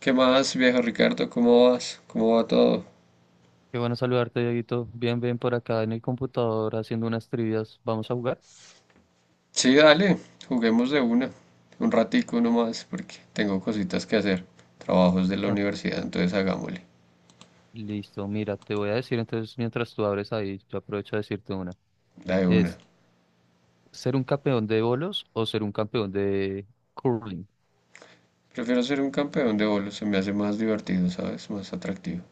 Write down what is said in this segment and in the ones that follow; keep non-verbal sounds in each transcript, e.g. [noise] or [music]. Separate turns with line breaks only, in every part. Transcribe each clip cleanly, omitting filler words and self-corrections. ¿Qué más, viejo Ricardo? ¿Cómo vas? ¿Cómo va todo?
Qué bueno saludarte, Dieguito. Bien, bien por acá en el computador haciendo unas trivias. ¿Vamos a jugar?
Sí, dale, juguemos de una, un ratico nomás, porque tengo cositas que hacer, trabajos de la
No,
universidad, entonces hagámosle,
listo, mira, te voy a decir entonces mientras tú abres ahí, yo aprovecho a decirte una.
la de una.
Es ser un campeón de bolos o ser un campeón de curling.
Prefiero ser un campeón de bolos, se me hace más divertido, ¿sabes? Más atractivo.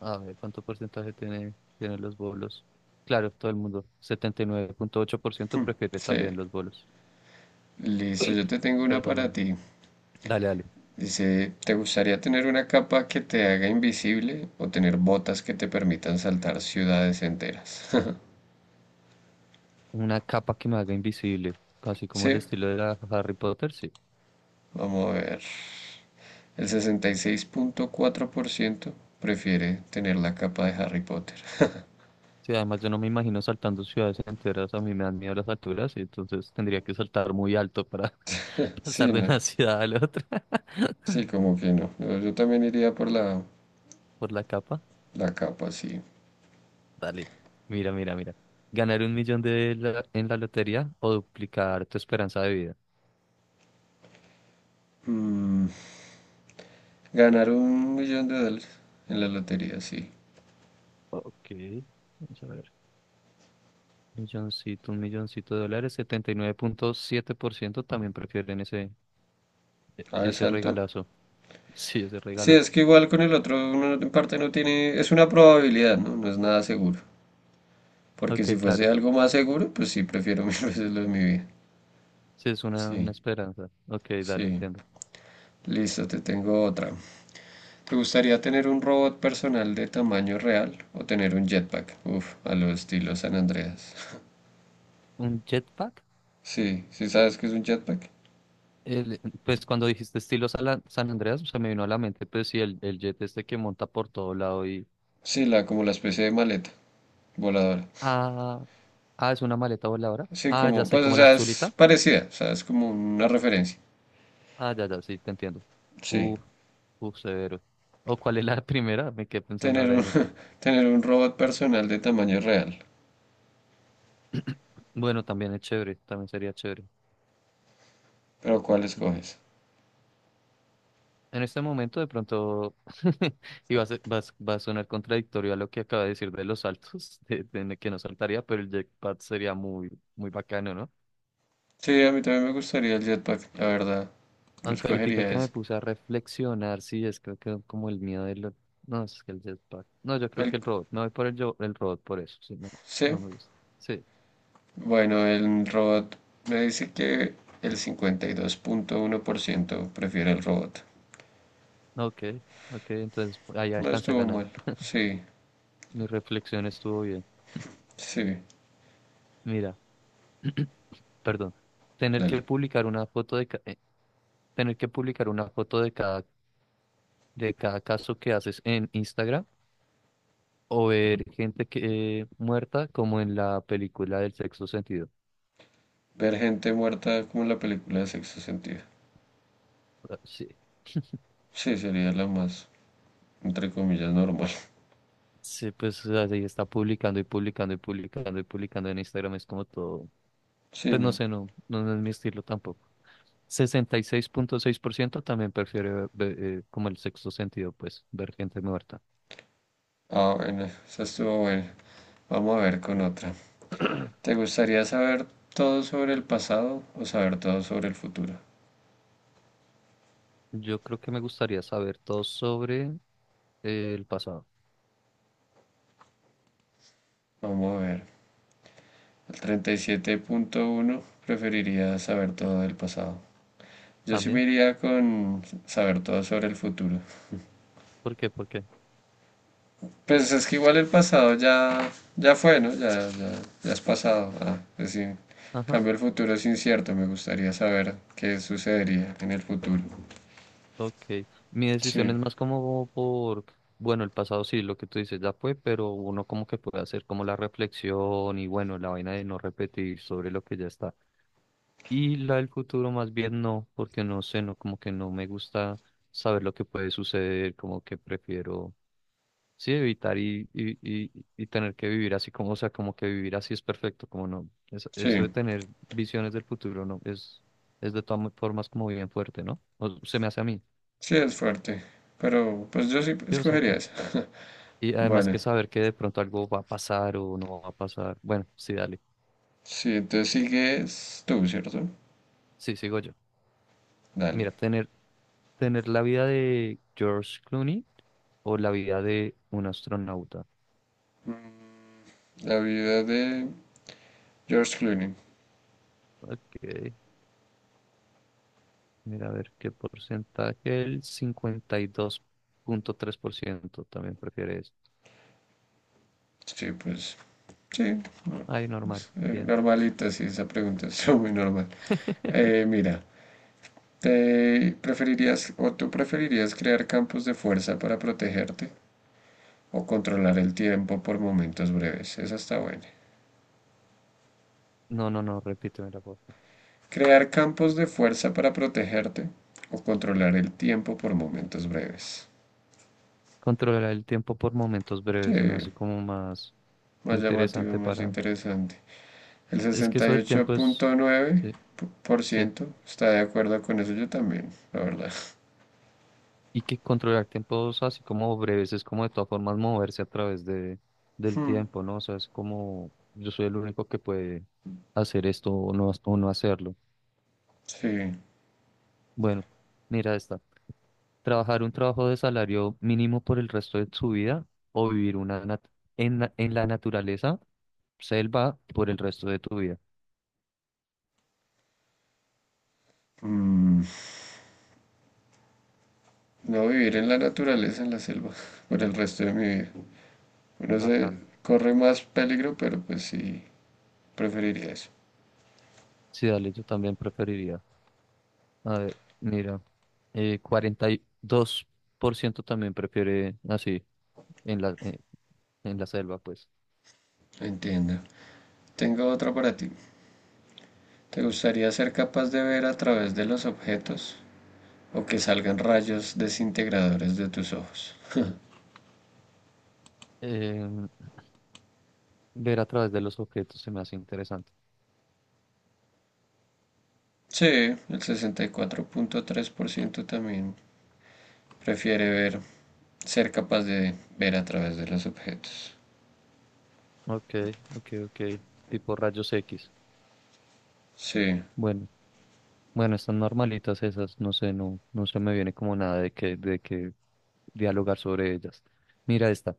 A ver, ¿cuánto porcentaje tienen los bolos? Claro, todo el mundo. 79.8% prefiere
Sí,
también los bolos.
listo, yo te tengo una para
Perdóname.
ti.
Dale, dale.
Dice, ¿te gustaría tener una capa que te haga invisible o tener botas que te permitan saltar ciudades enteras? [laughs]
Una capa que me haga invisible, casi como el
Sí,
estilo de la Harry Potter, sí.
vamos a ver. El sesenta y seis punto cuatro por ciento prefiere tener la capa de Harry Potter. [laughs]
Sí, además yo no me imagino saltando ciudades enteras, a mí me dan miedo las alturas y entonces tendría que saltar muy alto para [laughs]
Sí,
pasar de
no.
una ciudad a la otra
Sí,
[laughs]
como que no. Yo también iría por
por la capa.
la capa, sí.
Dale, mira, mira, mira. ¿Ganar un millón en la lotería o duplicar tu esperanza de vida?
Mm, Ganar un millón de dólares en la lotería, sí.
Ok, vamos a ver. Milloncito, un milloncito de dólares, 79.7% también prefieren ese,
Ah, es
ese
alto.
regalazo. [laughs] Sí, ese
Sí, es
regalote.
que igual con el otro uno en parte no tiene. Es una probabilidad, ¿no? No es nada seguro. Porque si
Ok,
fuese
claro.
algo más seguro, pues sí, prefiero [laughs] mil veces lo de mi vida.
Sí, es una
Sí,
esperanza. Ok, dale,
sí.
entiendo.
Listo, te tengo otra. ¿Te gustaría tener un robot personal de tamaño real o tener un jetpack? Uf, a lo estilo San Andreas. [laughs]
¿Un jetpack?
Sí, ¿sí sabes qué es un jetpack?
El pues cuando dijiste estilo San Andreas, se me vino a la mente, pues sí, el jet este que monta por todo lado y...
Sí, la, como la especie de maleta voladora.
Ah, ah, es una maleta voladora.
Sí,
Ah, ya
como,
sé,
pues, o
como la
sea, es
azulita.
parecida, o sea, es como una referencia.
Ah, ya, ya, sí, te entiendo.
Sí,
Uf, uf, severo. ¿O cuál es la [laughs] primera? Me quedé pensando
tener
ahora
un,
en eso.
[laughs] tener un robot personal de tamaño real.
[clears throat] Bueno, también es chévere, también sería chévere.
Pero ¿cuál escoges?
En este momento, de pronto, [laughs] y va a sonar contradictorio a lo que acaba de decir de los saltos, [laughs] de que no saltaría, pero el jetpack sería muy, muy bacano, ¿no?
Sí, a mí también me gustaría el jetpack, la verdad. Yo
Aunque ahorita
escogería
que me
ese.
puse a reflexionar, sí, es creo que como el miedo de lo. No, es que el jetpack. No, yo creo
El,
que el robot. No voy por el robot por eso. Sí, no,
sí,
no me gusta. Sí,
Bueno, el robot me dice que el cincuenta y dos punto uno por ciento prefiere el robot.
ok, ok. Entonces ahí
No
alcancé a
estuvo
ganar.
mal. Sí,
Mi reflexión estuvo bien.
sí,
Mira, [clears throat] perdón. Tener
dale.
que publicar una foto tener que publicar una foto de cada caso que haces en Instagram o ver gente que muerta como en la película del sexto sentido.
Ver gente muerta como en la película de Sexto Sentido.
Ah, sí. [laughs]
Sí, sería la más, entre comillas, normal.
Sí, pues así está publicando y publicando y publicando y publicando en Instagram. Es como todo.
Sí,
Pues no
no.
sé, no, no, no es mi estilo tampoco. Sesenta y seis punto seis por ciento también prefiere como el sexto sentido, pues, ver gente muerta.
Ah, bueno, esa estuvo buena. Vamos a ver con otra. ¿Te gustaría saber todo sobre el pasado o saber todo sobre el futuro?
Yo creo que me gustaría saber todo sobre el pasado.
Vamos a ver. El treinta y siete punto uno preferiría saber todo del pasado. Yo sí
¿También?
me iría con saber todo sobre el futuro.
¿Por qué? ¿Por qué?
Pues es que igual el pasado ya, ya fue, ¿no? Ya, ya, ya es pasado. Ah, pues sí. En
Ajá,
cambio el futuro es incierto. Me gustaría saber qué sucedería en el futuro.
ok. Mi decisión
Sí,
es más como por, bueno, el pasado sí, lo que tú dices ya fue, pero uno como que puede hacer como la reflexión y bueno, la vaina de no repetir sobre lo que ya está. Y la del futuro más bien no, porque no sé, no, como que no me gusta saber lo que puede suceder, como que prefiero, sí, evitar y tener que vivir así como, o sea, como que vivir así es perfecto, como no, eso de
sí,
tener visiones del futuro, no, es de todas formas como bien fuerte, ¿no? O se me hace a mí,
sí es fuerte. Pero pues yo sí
yo
escogería
saco.
esa. [laughs]
Y además
Bueno,
que saber que de pronto algo va a pasar o no va a pasar, bueno, sí, dale,
sí, entonces sigues tú, ¿cierto?
sí, sigo yo.
Dale.
Mira, ¿Tener la vida de George Clooney o la vida de un astronauta?
La vida de George Clooney.
Ok, mira, a ver qué porcentaje. El 52.3% también prefiere eso.
Sí, pues, sí,
Ay,
no,
normal,
es
bien.
normalita, sí, esa pregunta es [laughs] muy normal.
[laughs]
Mira, ¿te preferirías o tú preferirías crear campos de fuerza para protegerte o controlar el tiempo por momentos breves? Esa está buena.
No, no, no, repíteme la foto.
¿Crear campos de fuerza para protegerte o controlar el tiempo por momentos breves?
Controlar el tiempo por momentos
Sí,
breves se me hace como más
más llamativo,
interesante
más
para...
interesante. El
Es que
sesenta y
eso del
ocho
tiempo es...
punto nueve
Sí,
por
sí.
ciento está de acuerdo con eso, yo también, la verdad.
Y que controlar tiempos así como breves es como de todas formas moverse a través del
Hmm,
tiempo, ¿no? O sea, es como yo soy el único que puede hacer esto o no hacerlo.
Sí,
Bueno, mira esta. Trabajar un trabajo de salario mínimo por el resto de su vida o vivir una en la naturaleza, selva, por el resto de tu vida.
no vivir en la naturaleza, en la selva, [laughs] por el resto de mi vida. Uno se
Bacano.
corre más peligro, pero pues sí, preferiría eso.
Sí, dale, yo también preferiría. A ver, mira, 42% también prefiere así en la selva, pues.
Entiendo. Tengo otra para ti. ¿Te gustaría ser capaz de ver a través de los objetos o que salgan rayos desintegradores de tus ojos?
Em, Ver a través de los objetos se me hace interesante.
Sí, el sesenta y cuatro punto tres por ciento también prefiere ver, ser capaz de ver a través de los objetos.
Ok, ok, ok. Tipo rayos X.
Sí.
Bueno, bueno, están normalitas esas, no sé, no, no se me viene como nada de que dialogar sobre ellas. Mira esta.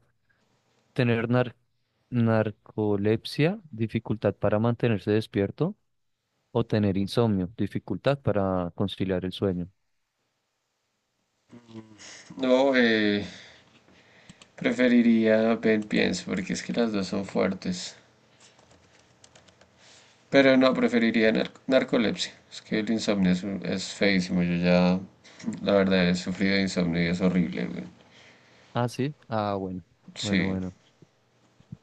Tener narcolepsia, dificultad para mantenerse despierto, o tener insomnio, dificultad para conciliar el sueño.
No, preferiría Ben Piense porque es que las dos son fuertes. Pero no, preferiría narcolepsia. Es que el insomnio es feísimo. Yo ya, la verdad, he sufrido de insomnio y es horrible, güey.
Ah, sí. Ah, bueno. Bueno,
Sí,
bueno.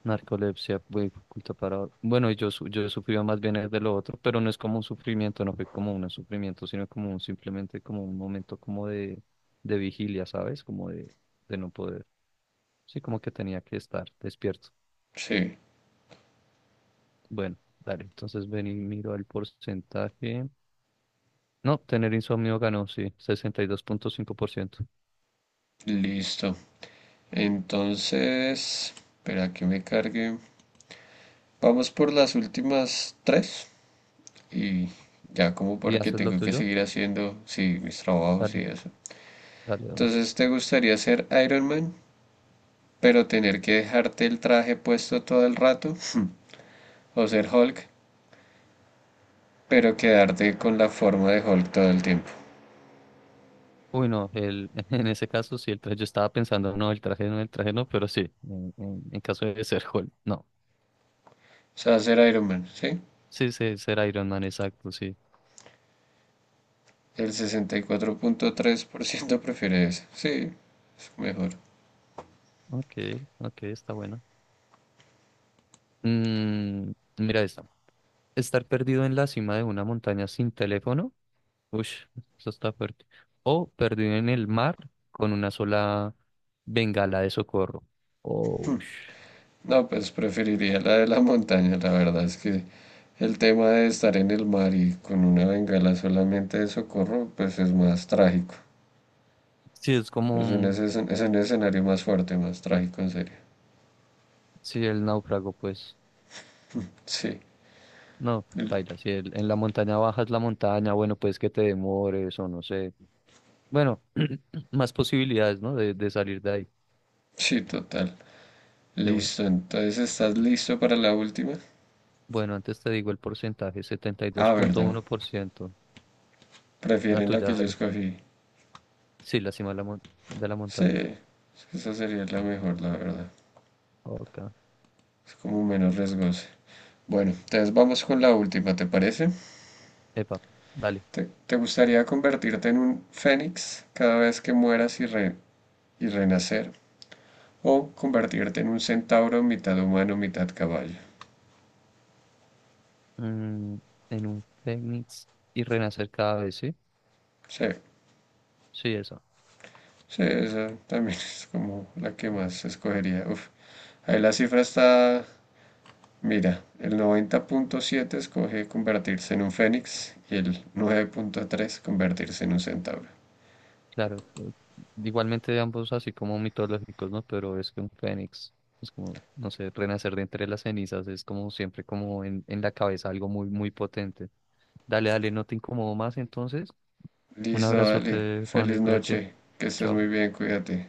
Narcolepsia fue oculta para... Bueno, yo, yo sufría más bien es de lo otro, pero no es como un sufrimiento, no fue como un sufrimiento, sino como un, simplemente como un momento como de vigilia, ¿sabes? Como de no poder. Sí, como que tenía que estar despierto.
sí.
Bueno, dale, entonces ven y miro el porcentaje. No, tener insomnio ganó, sí, 62.5%. ¿Y 2.5%?
Listo. Entonces, espera que me cargue. Vamos por las últimas tres. Y ya como
¿Y
porque
haces lo
tengo que
tuyo?
seguir haciendo, sí, mis trabajos y
Dale,
eso.
dale, de una.
Entonces, ¿te gustaría ser Iron Man, pero tener que dejarte el traje puesto todo el rato, [laughs] o ser Hulk, pero quedarte con la forma de Hulk todo el tiempo?
Uy, no, el, [laughs] en ese caso sí, el traje, yo estaba pensando, no, el traje no, el traje no, pero sí, en caso de ser Hulk, no.
O sea, ser Iron Man, ¿sí?
Sí, sí, ser Iron Man, exacto, sí.
El sesenta y cuatro punto tres por ciento [laughs] prefiere eso, sí, es mejor.
Ok, ok, está bueno. Mm, mira esta. Estar perdido en la cima de una montaña sin teléfono. Ush, eso está fuerte. O perdido en el mar con una sola bengala de socorro. Oh, ush.
No, pues preferiría la de la montaña, la verdad es que el tema de estar en el mar y con una bengala solamente de socorro, pues es más trágico.
Sí, es como
Es un escenario más fuerte, más trágico, en serio.
sí, el náufrago, pues.
Sí,
No, baila, si en la montaña bajas la montaña, bueno, pues que te demores o no sé. Bueno, [clears throat] más posibilidades, ¿no? De salir de ahí,
sí, total.
de una.
Listo, entonces estás listo para la última.
Bueno, antes te digo el porcentaje, setenta y dos
Ah,
punto
verdad.
uno por ciento. La
Prefieren la
tuya,
que yo
dale.
escogí.
Sí, la cima de la
Sí,
montaña.
es que esa sería la mejor, la verdad.
Ok.
Es como menos riesgosa. Bueno, entonces vamos con la última, ¿te parece?
Epa, dale.
¿Te gustaría convertirte en un fénix cada vez que mueras y y renacer? ¿O convertirte en un centauro mitad humano, mitad caballo?
Mm, en un fénix y renacer cada vez, ¿sí?
Sí,
Sí, eso.
sí, esa también [laughs] es como la que más escogería. Uf, ahí la cifra está. Mira, el 90.7 escoge convertirse en un fénix y el 9.3 convertirse en un centauro.
Claro, igualmente ambos así como mitológicos, ¿no? Pero es que un fénix, es como, no sé, renacer de entre las cenizas, es como siempre como en la cabeza algo muy, muy potente. Dale, dale, no te incomodo más entonces. Un
Listo, dale.
abrazote, Juan, y
Feliz
cuídate.
noche. Que estés
Chao.
muy bien, cuídate.